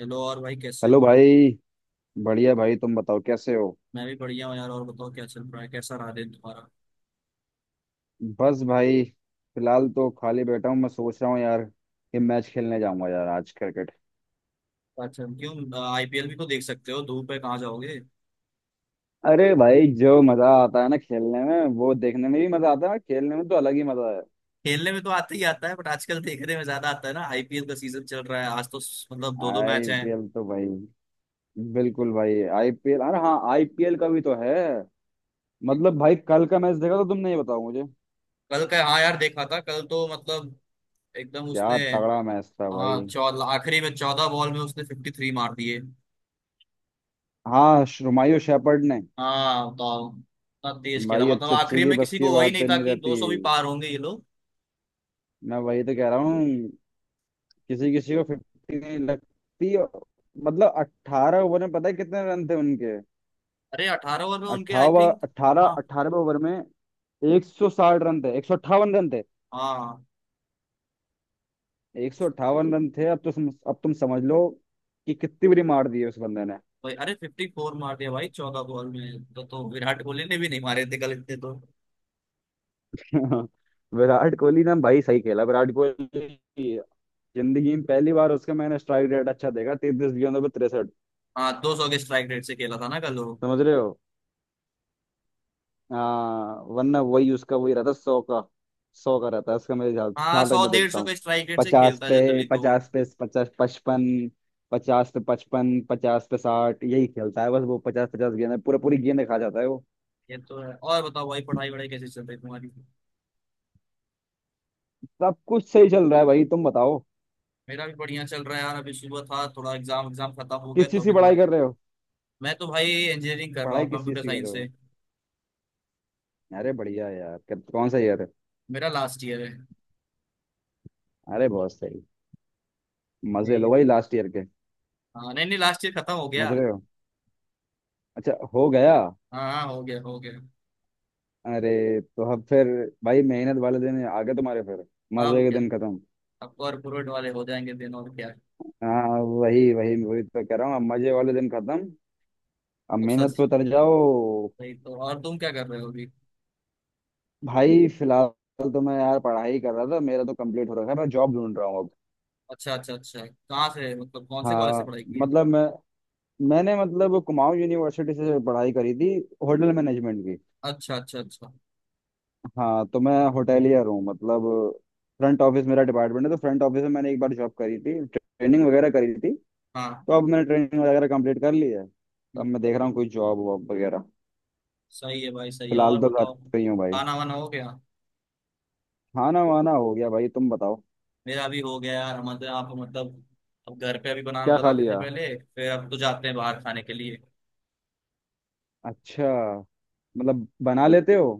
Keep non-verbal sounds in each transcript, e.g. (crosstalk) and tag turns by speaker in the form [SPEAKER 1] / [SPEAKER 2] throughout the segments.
[SPEAKER 1] Hello और भाई कैसे
[SPEAKER 2] हेलो
[SPEAKER 1] हो।
[SPEAKER 2] भाई। बढ़िया भाई, तुम बताओ कैसे हो।
[SPEAKER 1] मैं भी बढ़िया हूँ यार। और बताओ क्या चल रहा है, कैसा रहा दिन तुम्हारा।
[SPEAKER 2] बस भाई, फिलहाल तो खाली बैठा हूँ। मैं सोच रहा हूँ यार कि मैच खेलने जाऊंगा यार आज, क्रिकेट।
[SPEAKER 1] अच्छा, क्यों? आईपीएल भी तो देख सकते हो। धूप है, कहाँ जाओगे।
[SPEAKER 2] अरे भाई जो मजा आता है ना खेलने में, वो देखने में भी मजा आता है, और खेलने में तो अलग ही मजा है।
[SPEAKER 1] खेलने में तो आते ही आता है, बट आजकल देखने में ज्यादा आता है ना। आईपीएल का सीजन चल रहा है। आज तो मतलब दो दो मैच हैं।
[SPEAKER 2] आईपीएल तो भाई, बिल्कुल भाई आईपीएल, अरे हाँ आईपीएल का भी तो है। मतलब भाई, कल का मैच देखा तो तुमने, ये बताओ मुझे।
[SPEAKER 1] कल का? हाँ यार देखा था। कल तो मतलब। एकदम
[SPEAKER 2] क्या
[SPEAKER 1] उसने।
[SPEAKER 2] तगड़ा मैच था
[SPEAKER 1] हाँ,
[SPEAKER 2] भाई।
[SPEAKER 1] 14, आखिरी में 14 बॉल में उसने 53 मार दिए।
[SPEAKER 2] हाँ, हुमायूं शेफर्ड ने।
[SPEAKER 1] हाँ, बताओ। इतना तेज खेला,
[SPEAKER 2] भाई
[SPEAKER 1] मतलब
[SPEAKER 2] अच्छे अच्छे
[SPEAKER 1] आखिरी
[SPEAKER 2] की
[SPEAKER 1] में
[SPEAKER 2] बस
[SPEAKER 1] किसी
[SPEAKER 2] की
[SPEAKER 1] को वही
[SPEAKER 2] बात
[SPEAKER 1] नहीं था
[SPEAKER 2] नहीं
[SPEAKER 1] कि
[SPEAKER 2] रहती।
[SPEAKER 1] 200 भी पार होंगे ये लोग।
[SPEAKER 2] मैं वही तो कह रहा हूँ। किसी किसी को 50 लगती है। मतलब 18 ओवर में पता है कितने रन थे उनके।
[SPEAKER 1] अरे 18 ओवर में उनके, आई
[SPEAKER 2] अट्ठावन
[SPEAKER 1] थिंक।
[SPEAKER 2] अट्ठारह
[SPEAKER 1] हाँ।
[SPEAKER 2] 18वें ओवर में 160 रन थे, 158 रन थे।
[SPEAKER 1] हाँ
[SPEAKER 2] अब तो अब तुम समझ लो कि कितनी बड़ी मार दी है उस बंदे ने।
[SPEAKER 1] भाई, अरे 54 मार दिया भाई 14 बॉल में। तो विराट कोहली ने भी नहीं मारे थे कल इतने तो।
[SPEAKER 2] (laughs) विराट कोहली ने भाई सही खेला। विराट कोहली, जिंदगी में पहली बार उसका मैंने स्ट्राइक रेट अच्छा देखा, 33 गेंदों पे 63।
[SPEAKER 1] हाँ, 200 के स्ट्राइक रेट से खेला था ना कल वो।
[SPEAKER 2] समझ रहे हो। हाँ, वरना वही उसका वही रहता, 100 का। 100 का रहता है उसका, मेरे ख्याल
[SPEAKER 1] हाँ,
[SPEAKER 2] ख्याल तक
[SPEAKER 1] सौ
[SPEAKER 2] मैं
[SPEAKER 1] डेढ़
[SPEAKER 2] देखता
[SPEAKER 1] सौ के
[SPEAKER 2] हूँ।
[SPEAKER 1] स्ट्राइक रेट से खेलता है जनरली तो वो।
[SPEAKER 2] पचास 55। 50 पे 55, 50 पे 60, यही खेलता है बस वो। पचास पचास गेंद पूरा पूरी गेंद खा जाता है वो।
[SPEAKER 1] ये तो है। और बताओ भाई, पढ़ाई वढ़ाई कैसे चल रही है तुम्हारी।
[SPEAKER 2] सब कुछ सही चल रहा है भाई, तुम बताओ।
[SPEAKER 1] मेरा भी बढ़िया चल रहा है यार। अभी सुबह था थोड़ा एग्जाम एग्जाम खत्म हो गया
[SPEAKER 2] किस
[SPEAKER 1] तो
[SPEAKER 2] चीज की
[SPEAKER 1] अभी
[SPEAKER 2] पढ़ाई
[SPEAKER 1] थोड़ा।
[SPEAKER 2] कर रहे हो।
[SPEAKER 1] मैं तो भाई इंजीनियरिंग कर रहा
[SPEAKER 2] पढ़ाई
[SPEAKER 1] हूँ
[SPEAKER 2] किस चीज
[SPEAKER 1] कंप्यूटर
[SPEAKER 2] की कर
[SPEAKER 1] साइंस
[SPEAKER 2] रहे हो।
[SPEAKER 1] से।
[SPEAKER 2] अरे बढ़िया यार, कौन सा ईयर है।
[SPEAKER 1] मेरा लास्ट ईयर है।
[SPEAKER 2] अरे बहुत सही। मजे
[SPEAKER 1] यही
[SPEAKER 2] लो
[SPEAKER 1] है।
[SPEAKER 2] भाई लास्ट ईयर के।
[SPEAKER 1] हाँ नहीं नहीं, लास्ट ईयर खत्म हो गया।
[SPEAKER 2] समझ रहे हो। अच्छा, हो गया।
[SPEAKER 1] हाँ हाँ, हो गया हो गया।
[SPEAKER 2] अरे तो अब फिर, भाई मेहनत वाले दिन आ गए तुम्हारे फिर, मजे
[SPEAKER 1] अब
[SPEAKER 2] के
[SPEAKER 1] क्या।
[SPEAKER 2] दिन खत्म।
[SPEAKER 1] अब कॉर्पोरेट वाले हो जाएंगे दिन, और क्या।
[SPEAKER 2] हाँ वही वही, वही तो कह रहा हूँ, अब मजे वाले दिन खत्म, अब
[SPEAKER 1] अब
[SPEAKER 2] मेहनत पे
[SPEAKER 1] सच।
[SPEAKER 2] उतर जाओ।
[SPEAKER 1] नहीं तो, और तुम क्या कर रहे हो अभी।
[SPEAKER 2] भाई फिलहाल तो मैं यार पढ़ाई कर रहा था, मेरा तो कंप्लीट हो रखा है, मैं जॉब ढूंढ रहा हूँ अब।
[SPEAKER 1] अच्छा अच्छा अच्छा, कहाँ से, मतलब कौन से कॉलेज से
[SPEAKER 2] हाँ।
[SPEAKER 1] पढ़ाई की है।
[SPEAKER 2] मतलब मैंने मतलब कुमाऊं यूनिवर्सिटी से पढ़ाई करी थी, होटल मैनेजमेंट की।
[SPEAKER 1] अच्छा अच्छा अच्छा।
[SPEAKER 2] हाँ तो मैं होटेलियर हूँ मतलब, फ्रंट ऑफिस मेरा डिपार्टमेंट है, तो फ्रंट ऑफिस में मैंने एक बार जॉब करी थी, ट्रेनिंग वगैरह करी थी।
[SPEAKER 1] हाँ।
[SPEAKER 2] तो अब मैंने ट्रेनिंग वगैरह कंप्लीट कर ली है। अब
[SPEAKER 1] हम्म।
[SPEAKER 2] मैं देख रहा हूँ कोई जॉब वॉब वगैरह।
[SPEAKER 1] सही है भाई सही है।
[SPEAKER 2] फिलहाल
[SPEAKER 1] और
[SPEAKER 2] तो घर
[SPEAKER 1] बताओ।
[SPEAKER 2] पे ही हूँ भाई।
[SPEAKER 1] खाना वाना हो गया।
[SPEAKER 2] खाना वाना हो गया भाई, तुम बताओ।
[SPEAKER 1] मेरा भी हो गया यार। हमारे यहाँ पे मतलब। अब घर पे अभी बना
[SPEAKER 2] क्या खा
[SPEAKER 1] बनाते थे
[SPEAKER 2] लिया।
[SPEAKER 1] पहले, फिर अब तो जाते हैं बाहर खाने के लिए।
[SPEAKER 2] अच्छा, मतलब बना लेते हो।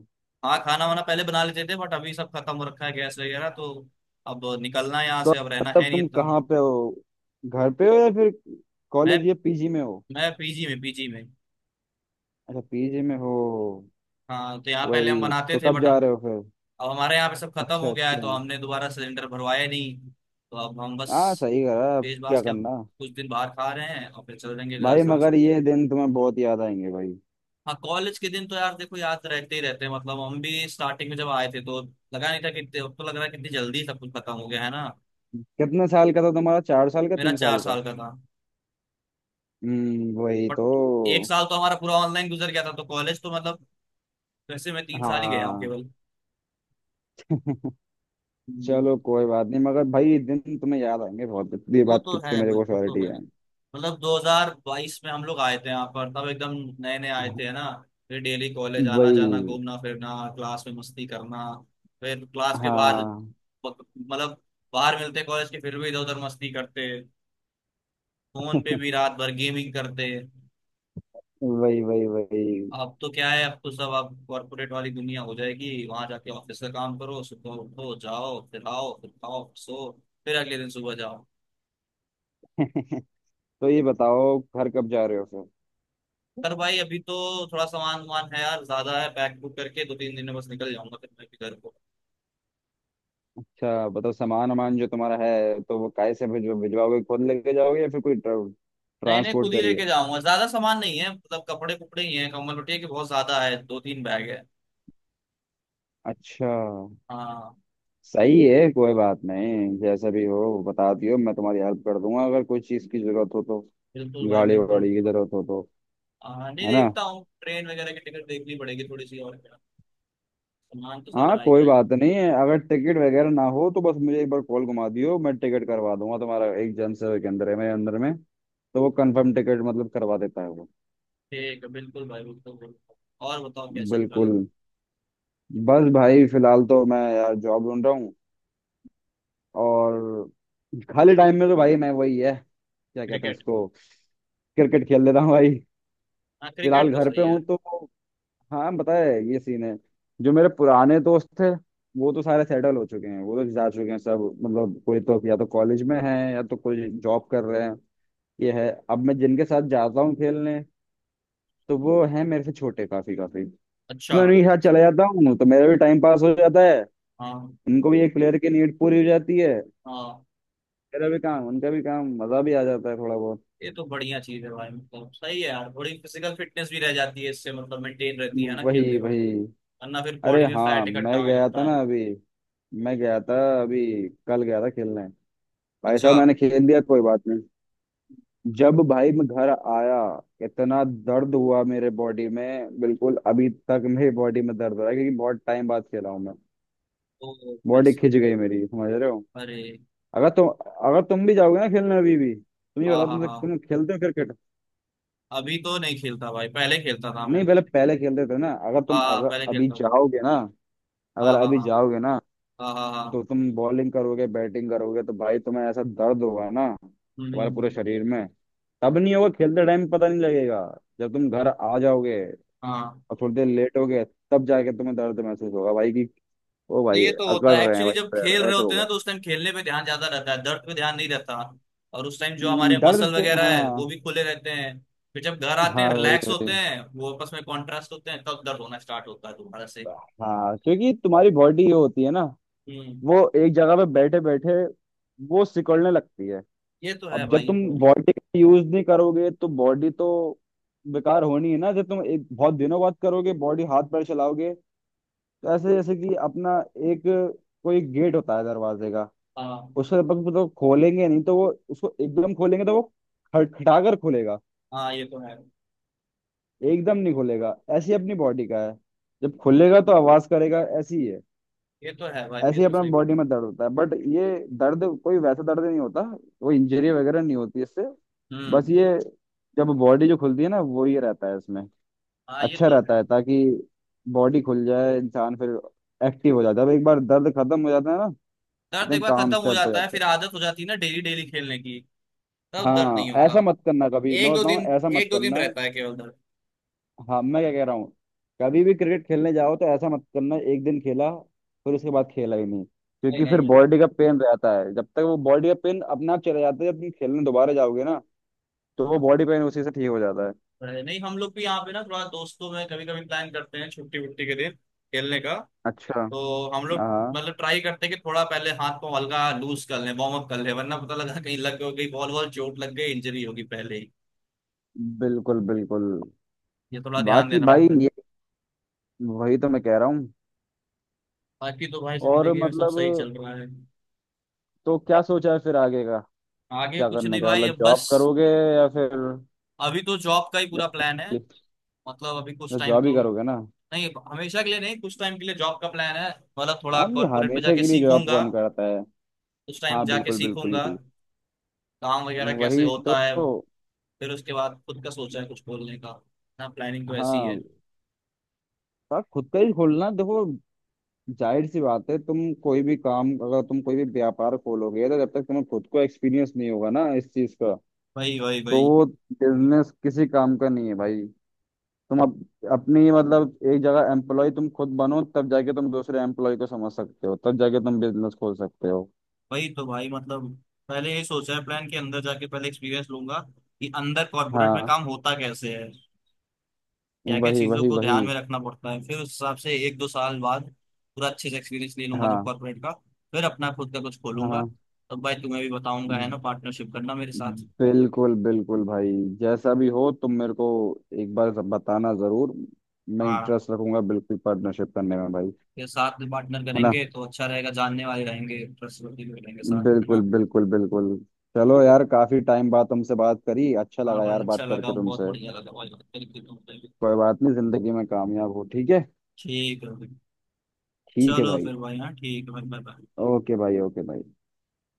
[SPEAKER 1] हाँ, खाना वाना पहले बना लेते थे बट अभी सब खत्म हो रखा है गैस वगैरह तो। अब निकलना है यहाँ
[SPEAKER 2] तो
[SPEAKER 1] से, अब रहना
[SPEAKER 2] मतलब
[SPEAKER 1] है नहीं
[SPEAKER 2] तुम
[SPEAKER 1] इतना।
[SPEAKER 2] कहाँ पे हो, घर पे हो या फिर
[SPEAKER 1] मैं
[SPEAKER 2] कॉलेज या पीजी में हो।
[SPEAKER 1] मैं पीजी में पीजी में।
[SPEAKER 2] अच्छा पीजी में हो।
[SPEAKER 1] हाँ तो यहाँ पहले हम
[SPEAKER 2] वही
[SPEAKER 1] बनाते
[SPEAKER 2] तो,
[SPEAKER 1] थे
[SPEAKER 2] कब
[SPEAKER 1] बट
[SPEAKER 2] जा रहे
[SPEAKER 1] अब।
[SPEAKER 2] हो फिर।
[SPEAKER 1] अब हमारे यहाँ पे सब खत्म
[SPEAKER 2] अच्छा
[SPEAKER 1] हो गया है
[SPEAKER 2] अच्छा।
[SPEAKER 1] तो हमने दोबारा सिलेंडर भरवाया नहीं। तो अब हम बस।
[SPEAKER 2] हाँ सही करा, अब
[SPEAKER 1] पेज
[SPEAKER 2] क्या
[SPEAKER 1] बास के अब।
[SPEAKER 2] करना।
[SPEAKER 1] कुछ दिन बाहर खा रहे हैं और फिर चल देंगे घर
[SPEAKER 2] भाई
[SPEAKER 1] साथ
[SPEAKER 2] मगर
[SPEAKER 1] साथ।
[SPEAKER 2] ये दिन तुम्हें बहुत याद आएंगे भाई।
[SPEAKER 1] हाँ, कॉलेज के दिन तो यार देखो याद रहते ही रहते हैं, मतलब हम भी स्टार्टिंग में जब आए थे तो। लगा नहीं था कितने, अब तो लग रहा है कितनी जल्दी सब कुछ खत्म हो गया है ना।
[SPEAKER 2] कितने साल का था तुम्हारा, 4 साल का,
[SPEAKER 1] मेरा
[SPEAKER 2] तीन
[SPEAKER 1] चार
[SPEAKER 2] साल का।
[SPEAKER 1] साल का था।
[SPEAKER 2] हम्म, वही
[SPEAKER 1] बट
[SPEAKER 2] तो।
[SPEAKER 1] एक साल तो हमारा पूरा ऑनलाइन गुजर गया था तो कॉलेज तो मतलब। वैसे मैं 3 साल ही गया हूँ
[SPEAKER 2] हाँ,
[SPEAKER 1] केवल। हम्म।
[SPEAKER 2] चलो कोई बात नहीं, मगर भाई ये दिन तुम्हें याद आएंगे बहुत, ये
[SPEAKER 1] वो
[SPEAKER 2] बात
[SPEAKER 1] तो
[SPEAKER 2] की तो
[SPEAKER 1] है,
[SPEAKER 2] मेरे
[SPEAKER 1] बस
[SPEAKER 2] को
[SPEAKER 1] वो तो
[SPEAKER 2] श्योरिटी
[SPEAKER 1] है।
[SPEAKER 2] है।
[SPEAKER 1] मतलब 2022 में हम लोग आए थे यहाँ पर तब एकदम। नए नए आए थे है ना। फिर डेली कॉलेज आना जाना,
[SPEAKER 2] वही।
[SPEAKER 1] घूमना फिरना, क्लास में मस्ती करना। फिर क्लास के बाद।
[SPEAKER 2] हाँ
[SPEAKER 1] मतलब। बाहर मिलते कॉलेज के फिर भी इधर उधर मस्ती करते। फोन पे भी रात भर गेमिंग करते।
[SPEAKER 2] वही वही वही।
[SPEAKER 1] अब तो क्या है, अब तो सब अब कॉर्पोरेट वाली दुनिया हो जाएगी वहां जाके। ऑफिस का काम करो, सुबह उठो जाओ, फिर आओ, फिर खाओ, फिर सो। फिर अगले दिन सुबह जाओ।
[SPEAKER 2] (laughs) तो ये बताओ घर कब जा रहे हो फिर।
[SPEAKER 1] पर भाई अभी तो। थोड़ा सामान वामान है यार, ज्यादा है। पैक बुक करके दो तीन दिन में बस निकल जाऊंगा फिर मैं भी घर को।
[SPEAKER 2] अच्छा बताओ, सामान वामान जो तुम्हारा है तो वो काय से भिजवाओगे, खुद लेके जाओगे या फिर कोई
[SPEAKER 1] नहीं नहीं,
[SPEAKER 2] ट्रांसपोर्ट
[SPEAKER 1] खुद ही
[SPEAKER 2] करिए।
[SPEAKER 1] लेके जाऊंगा, ज्यादा सामान नहीं है, मतलब कपड़े कुपड़े ही हैं। कंबल पट्टी के बहुत ज्यादा है, दो तीन बैग है।
[SPEAKER 2] अच्छा।
[SPEAKER 1] हाँ
[SPEAKER 2] सही है, कोई बात नहीं, जैसा भी हो बता दियो, मैं तुम्हारी हेल्प कर दूंगा अगर कोई चीज़ की जरूरत हो तो,
[SPEAKER 1] बिल्कुल भाई
[SPEAKER 2] गाड़ी
[SPEAKER 1] बिल्कुल।
[SPEAKER 2] वाड़ी की जरूरत हो तो।
[SPEAKER 1] हाँ नहीं,
[SPEAKER 2] है ना।
[SPEAKER 1] देखता हूँ ट्रेन वगैरह की टिकट देखनी पड़ेगी थोड़ी सी, और क्या। सामान तो सारा
[SPEAKER 2] हाँ,
[SPEAKER 1] आ ही
[SPEAKER 2] कोई
[SPEAKER 1] जाएगा।
[SPEAKER 2] बात नहीं है, अगर टिकट वगैरह ना हो तो बस मुझे एक बार कॉल घुमा दियो, मैं टिकट करवा दूंगा तुम्हारा, एक जन से के अंदर है मेरे अंदर में, तो वो कंफर्म टिकट मतलब करवा देता है वो।
[SPEAKER 1] ठीक है बिल्कुल भाई बिल्कुल बिल्कुल। और बताओ क्या चल रहा है।
[SPEAKER 2] बिल्कुल। बस भाई फिलहाल तो मैं यार जॉब ढूंढ रहा हूँ। और खाली टाइम में तो भाई मैं वही है, क्या कहते हैं
[SPEAKER 1] क्रिकेट।
[SPEAKER 2] उसको, क्रिकेट खेल लेता हूँ भाई।
[SPEAKER 1] हाँ,
[SPEAKER 2] फिलहाल
[SPEAKER 1] क्रिकेट तो
[SPEAKER 2] घर पे
[SPEAKER 1] सही है।
[SPEAKER 2] हूँ तो, हाँ बताए ये सीन है। जो मेरे पुराने दोस्त थे वो तो सारे सेटल हो चुके हैं, वो तो जा चुके हैं सब, मतलब कोई तो या तो कॉलेज में है या तो कोई जॉब कर रहे हैं। ये है, अब मैं जिनके साथ जाता हूँ खेलने, तो वो है मेरे से छोटे, काफी काफी। तो
[SPEAKER 1] अच्छा।
[SPEAKER 2] मैं उन्हीं के साथ चला जाता हूँ, तो मेरा भी टाइम पास हो जाता है,
[SPEAKER 1] हाँ
[SPEAKER 2] उनको भी एक प्लेयर की नीड पूरी हो जाती है,
[SPEAKER 1] हाँ।
[SPEAKER 2] मेरा भी काम उनका भी काम, मजा भी आ जाता है थोड़ा बहुत।
[SPEAKER 1] ये तो बढ़िया चीज है भाई, मतलब सही है यार। थोड़ी फिजिकल फिटनेस भी रह जाती है इससे, मतलब मेंटेन रहती है ना
[SPEAKER 2] वही
[SPEAKER 1] खेलते रहो।
[SPEAKER 2] वही।
[SPEAKER 1] वरना फिर
[SPEAKER 2] अरे
[SPEAKER 1] बॉडी में
[SPEAKER 2] हाँ,
[SPEAKER 1] फैट इकट्ठा होने लगता है।
[SPEAKER 2] मैं गया था अभी कल गया था खेलने, भाई
[SPEAKER 1] अच्छा।
[SPEAKER 2] साहब मैंने खेल दिया, कोई बात नहीं। जब भाई मैं घर आया, इतना दर्द हुआ मेरे बॉडी में, बिल्कुल अभी तक मेरी बॉडी में दर्द हो रहा है, क्योंकि बहुत टाइम बाद खेला हूँ मैं।
[SPEAKER 1] तो भाई
[SPEAKER 2] बॉडी
[SPEAKER 1] साहब।
[SPEAKER 2] खिंच गई मेरी, समझ रहे हो।
[SPEAKER 1] अरे।
[SPEAKER 2] अगर तुम अगर तुम भी जाओगे ना खेलने, अभी भी तुम ये
[SPEAKER 1] हाँ
[SPEAKER 2] बताओ,
[SPEAKER 1] हाँ हाँ।
[SPEAKER 2] तुम खेलते हो क्रिकेट।
[SPEAKER 1] अभी तो नहीं खेलता भाई, पहले खेलता था मैं।
[SPEAKER 2] नहीं पहले, पहले खेलते थे ना,
[SPEAKER 1] हाँ हाँ,
[SPEAKER 2] अगर
[SPEAKER 1] पहले
[SPEAKER 2] अभी
[SPEAKER 1] खेलता था।
[SPEAKER 2] जाओगे ना, अगर
[SPEAKER 1] हाँ हाँ
[SPEAKER 2] अभी
[SPEAKER 1] हाँ।
[SPEAKER 2] जाओगे ना,
[SPEAKER 1] हाँ हाँ
[SPEAKER 2] तो
[SPEAKER 1] हाँ।
[SPEAKER 2] तुम बॉलिंग करोगे बैटिंग करोगे तो भाई तुम्हें ऐसा दर्द होगा ना,
[SPEAKER 1] हम्म हम्म,
[SPEAKER 2] तुम्हारे
[SPEAKER 1] हम्म,
[SPEAKER 2] पूरे
[SPEAKER 1] हम्म।
[SPEAKER 2] शरीर में। तब नहीं होगा खेलते टाइम, पता नहीं लगेगा, जब तुम घर आ जाओगे
[SPEAKER 1] हाँ।
[SPEAKER 2] और थोड़ी देर लेट हो गए, तब जाके तुम्हें दर्द महसूस होगा भाई, कि ओ
[SPEAKER 1] तो
[SPEAKER 2] भाई
[SPEAKER 1] ये तो
[SPEAKER 2] अकड़
[SPEAKER 1] होता है
[SPEAKER 2] रहे हैं
[SPEAKER 1] एक्चुअली,
[SPEAKER 2] भाई
[SPEAKER 1] जब खेल
[SPEAKER 2] पैर,
[SPEAKER 1] रहे
[SPEAKER 2] ऐसे
[SPEAKER 1] होते हैं ना
[SPEAKER 2] होगा।
[SPEAKER 1] तो उस टाइम खेलने पे ध्यान ज्यादा रहता है, दर्द पे ध्यान नहीं रहता। और उस टाइम जो हमारे मसल वगैरह है वो
[SPEAKER 2] हाँ।
[SPEAKER 1] भी खुले रहते हैं। फिर जब घर आते हैं
[SPEAKER 2] हाँ वही
[SPEAKER 1] रिलैक्स होते
[SPEAKER 2] वही।
[SPEAKER 1] हैं, वो आपस में कॉन्ट्रास्ट होते हैं, तब दर्द होना स्टार्ट होता है दोबारा से।
[SPEAKER 2] हाँ क्योंकि तुम्हारी बॉडी जो होती है ना,
[SPEAKER 1] हम्म।
[SPEAKER 2] वो एक जगह पे बैठे बैठे वो सिकुड़ने लगती है।
[SPEAKER 1] ये तो है
[SPEAKER 2] अब
[SPEAKER 1] भाई,
[SPEAKER 2] जब
[SPEAKER 1] ये
[SPEAKER 2] तुम
[SPEAKER 1] तो है।
[SPEAKER 2] बॉडी का यूज नहीं करोगे, तो बॉडी तो बेकार होनी है ना, जब तुम एक बहुत दिनों बाद करोगे, बॉडी हाथ पैर चलाओगे, तो ऐसे जैसे कि अपना, एक कोई गेट होता है दरवाजे का,
[SPEAKER 1] हाँ
[SPEAKER 2] उसको जब तक तो खोलेंगे नहीं, तो वो उसको एकदम खोलेंगे तो वो खटखटाकर खुलेगा,
[SPEAKER 1] हाँ, ये तो है।
[SPEAKER 2] एकदम नहीं खुलेगा, ऐसी अपनी बॉडी का है, जब खुलेगा तो आवाज करेगा, ऐसी है।
[SPEAKER 1] ये तो है भाई,
[SPEAKER 2] ऐसे
[SPEAKER 1] ये
[SPEAKER 2] ही
[SPEAKER 1] तो
[SPEAKER 2] अपना
[SPEAKER 1] सही बात।
[SPEAKER 2] बॉडी में दर्द होता है, बट ये दर्द कोई वैसा दर्द नहीं होता, कोई इंजरी वगैरह नहीं होती इससे।
[SPEAKER 1] हम्म।
[SPEAKER 2] बस ये, जब बॉडी जो खुलती है ना वो ये रहता है इसमें,
[SPEAKER 1] हाँ, ये
[SPEAKER 2] अच्छा
[SPEAKER 1] तो
[SPEAKER 2] रहता
[SPEAKER 1] है।
[SPEAKER 2] है, ताकि बॉडी खुल जाए, इंसान फिर एक्टिव हो जाता है जब एक बार दर्द खत्म हो जाता है ना,
[SPEAKER 1] दर्द एक
[SPEAKER 2] एकदम
[SPEAKER 1] बार
[SPEAKER 2] काम
[SPEAKER 1] खत्म हो
[SPEAKER 2] सेट हो
[SPEAKER 1] जाता है
[SPEAKER 2] जाता
[SPEAKER 1] फिर
[SPEAKER 2] है।
[SPEAKER 1] आदत हो जाती है ना, डेली डेली खेलने की। तब दर्द नहीं
[SPEAKER 2] हाँ,
[SPEAKER 1] होता।
[SPEAKER 2] ऐसा मत करना कभी,
[SPEAKER 1] एक
[SPEAKER 2] मैं
[SPEAKER 1] दो
[SPEAKER 2] बताऊँ,
[SPEAKER 1] दिन।
[SPEAKER 2] ऐसा मत
[SPEAKER 1] एक दो दिन
[SPEAKER 2] करना।
[SPEAKER 1] रहता है केवल दर्द।
[SPEAKER 2] हाँ मैं क्या कह रहा हूँ, कभी भी क्रिकेट खेलने जाओ तो ऐसा मत करना, एक दिन खेला फिर उसके बाद खेला ही नहीं,
[SPEAKER 1] नहीं
[SPEAKER 2] क्योंकि फिर
[SPEAKER 1] नहीं।
[SPEAKER 2] बॉडी का पेन रहता है, जब तक वो बॉडी का पेन अपने आप चला जाता है जब तुम खेलने दोबारा जाओगे ना, तो वो बॉडी पेन उसी से ठीक हो जाता है।
[SPEAKER 1] नहीं नहीं, हम लोग भी यहाँ पे ना थोड़ा दोस्तों में कभी कभी प्लान करते हैं, छुट्टी वुट्टी के दिन। खेलने का।
[SPEAKER 2] अच्छा।
[SPEAKER 1] तो हम लोग।
[SPEAKER 2] हाँ
[SPEAKER 1] मतलब ट्राई करते हैं कि थोड़ा पहले हाथ को हल्का लूज कर लें, वार्म अप कर लें, वरना पता लगा कहीं लग गई बॉल बॉल चोट लग गई, इंजरी होगी पहले ही।
[SPEAKER 2] बिल्कुल बिल्कुल।
[SPEAKER 1] ये थोड़ा ध्यान
[SPEAKER 2] बाकी
[SPEAKER 1] देना
[SPEAKER 2] भाई
[SPEAKER 1] पड़ता है।
[SPEAKER 2] ये, वही तो मैं कह रहा हूँ।
[SPEAKER 1] बाकी तो भाई
[SPEAKER 2] और
[SPEAKER 1] जिंदगी में सब सही
[SPEAKER 2] मतलब,
[SPEAKER 1] चल रहा है।
[SPEAKER 2] तो क्या सोचा है फिर आगे का,
[SPEAKER 1] आगे
[SPEAKER 2] क्या
[SPEAKER 1] कुछ
[SPEAKER 2] करने
[SPEAKER 1] नहीं
[SPEAKER 2] का
[SPEAKER 1] भाई,
[SPEAKER 2] मतलब,
[SPEAKER 1] अब बस।
[SPEAKER 2] जॉब करोगे या फिर,
[SPEAKER 1] अभी तो जॉब का ही पूरा प्लान है। मतलब अभी कुछ टाइम
[SPEAKER 2] जॉब ही
[SPEAKER 1] तो।
[SPEAKER 2] करोगे ना।
[SPEAKER 1] नहीं हमेशा के लिए नहीं, कुछ टाइम के लिए जॉब का प्लान है। मतलब थोड़ा
[SPEAKER 2] आदमी
[SPEAKER 1] कॉर्पोरेट में
[SPEAKER 2] हमेशा
[SPEAKER 1] जाके
[SPEAKER 2] के लिए जॉब
[SPEAKER 1] सीखूंगा।
[SPEAKER 2] कौन करता है।
[SPEAKER 1] उस टाइम
[SPEAKER 2] हाँ
[SPEAKER 1] जाके
[SPEAKER 2] बिल्कुल बिल्कुल,
[SPEAKER 1] सीखूंगा। काम वगैरह कैसे
[SPEAKER 2] वही
[SPEAKER 1] होता है।
[SPEAKER 2] तो।
[SPEAKER 1] फिर उसके बाद खुद का सोचा है कुछ बोलने का। ना प्लानिंग तो ऐसी है।
[SPEAKER 2] हाँ, तो खुद का ही खोलना देखो। जाहिर सी बात है, तुम कोई भी काम, अगर तुम कोई भी व्यापार खोलोगे, तो जब तक तुम्हें खुद को एक्सपीरियंस नहीं होगा ना इस चीज का,
[SPEAKER 1] वही वही
[SPEAKER 2] तो
[SPEAKER 1] वही।
[SPEAKER 2] वो बिजनेस किसी काम का नहीं है भाई। तुम अप, अपनी मतलब, एक जगह एम्प्लॉय तुम खुद बनो, तब जाके तुम दूसरे एम्प्लॉय को समझ सकते हो, तब जाके तुम बिजनेस खोल सकते हो।
[SPEAKER 1] वही तो भाई, मतलब। पहले ये सोचा है, प्लान के अंदर जाके पहले एक्सपीरियंस लूंगा। कि अंदर कॉर्पोरेट में
[SPEAKER 2] हाँ
[SPEAKER 1] काम होता कैसे है। क्या क्या
[SPEAKER 2] वही
[SPEAKER 1] चीज़ों
[SPEAKER 2] वही
[SPEAKER 1] को
[SPEAKER 2] वही।
[SPEAKER 1] ध्यान में रखना पड़ता है, फिर उस हिसाब से एक दो साल बाद। पूरा अच्छे से एक्सपीरियंस ले लूंगा जब
[SPEAKER 2] हाँ
[SPEAKER 1] कॉर्पोरेट का। फिर अपना खुद का कुछ
[SPEAKER 2] हाँ
[SPEAKER 1] खोलूंगा।
[SPEAKER 2] हाँ।
[SPEAKER 1] तब भाई तुम्हें भी बताऊंगा है ना, पार्टनरशिप करना मेरे साथ।
[SPEAKER 2] बिल्कुल बिल्कुल भाई। जैसा भी हो तुम मेरे को एक बार बताना जरूर, मैं
[SPEAKER 1] हाँ।
[SPEAKER 2] इंटरेस्ट रखूंगा बिल्कुल पार्टनरशिप करने में भाई।
[SPEAKER 1] फिर साथ में पार्टनर
[SPEAKER 2] है ना।
[SPEAKER 1] करेंगे तो अच्छा रहेगा, जानने वाले रहेंगे ट्रस्टवर्दी भी रहेंगे साथ, है
[SPEAKER 2] बिल्कुल
[SPEAKER 1] ना।
[SPEAKER 2] बिल्कुल बिल्कुल। चलो यार, काफी टाइम बाद तुमसे बात करी, अच्छा
[SPEAKER 1] हाँ
[SPEAKER 2] लगा
[SPEAKER 1] भाई
[SPEAKER 2] यार
[SPEAKER 1] अच्छा
[SPEAKER 2] बात
[SPEAKER 1] लगा,
[SPEAKER 2] करके
[SPEAKER 1] बहुत
[SPEAKER 2] तुमसे।
[SPEAKER 1] बढ़िया लगा भाई, बिल्कुल बिल्कुल।
[SPEAKER 2] कोई बात नहीं, जिंदगी में कामयाब हो, ठीक है।
[SPEAKER 1] ठीक है भाई।
[SPEAKER 2] ठीक है
[SPEAKER 1] चलो
[SPEAKER 2] भाई।
[SPEAKER 1] फिर भाई, हाँ ठीक है भाई, बाय बाय।
[SPEAKER 2] ओके भाई ओके भाई।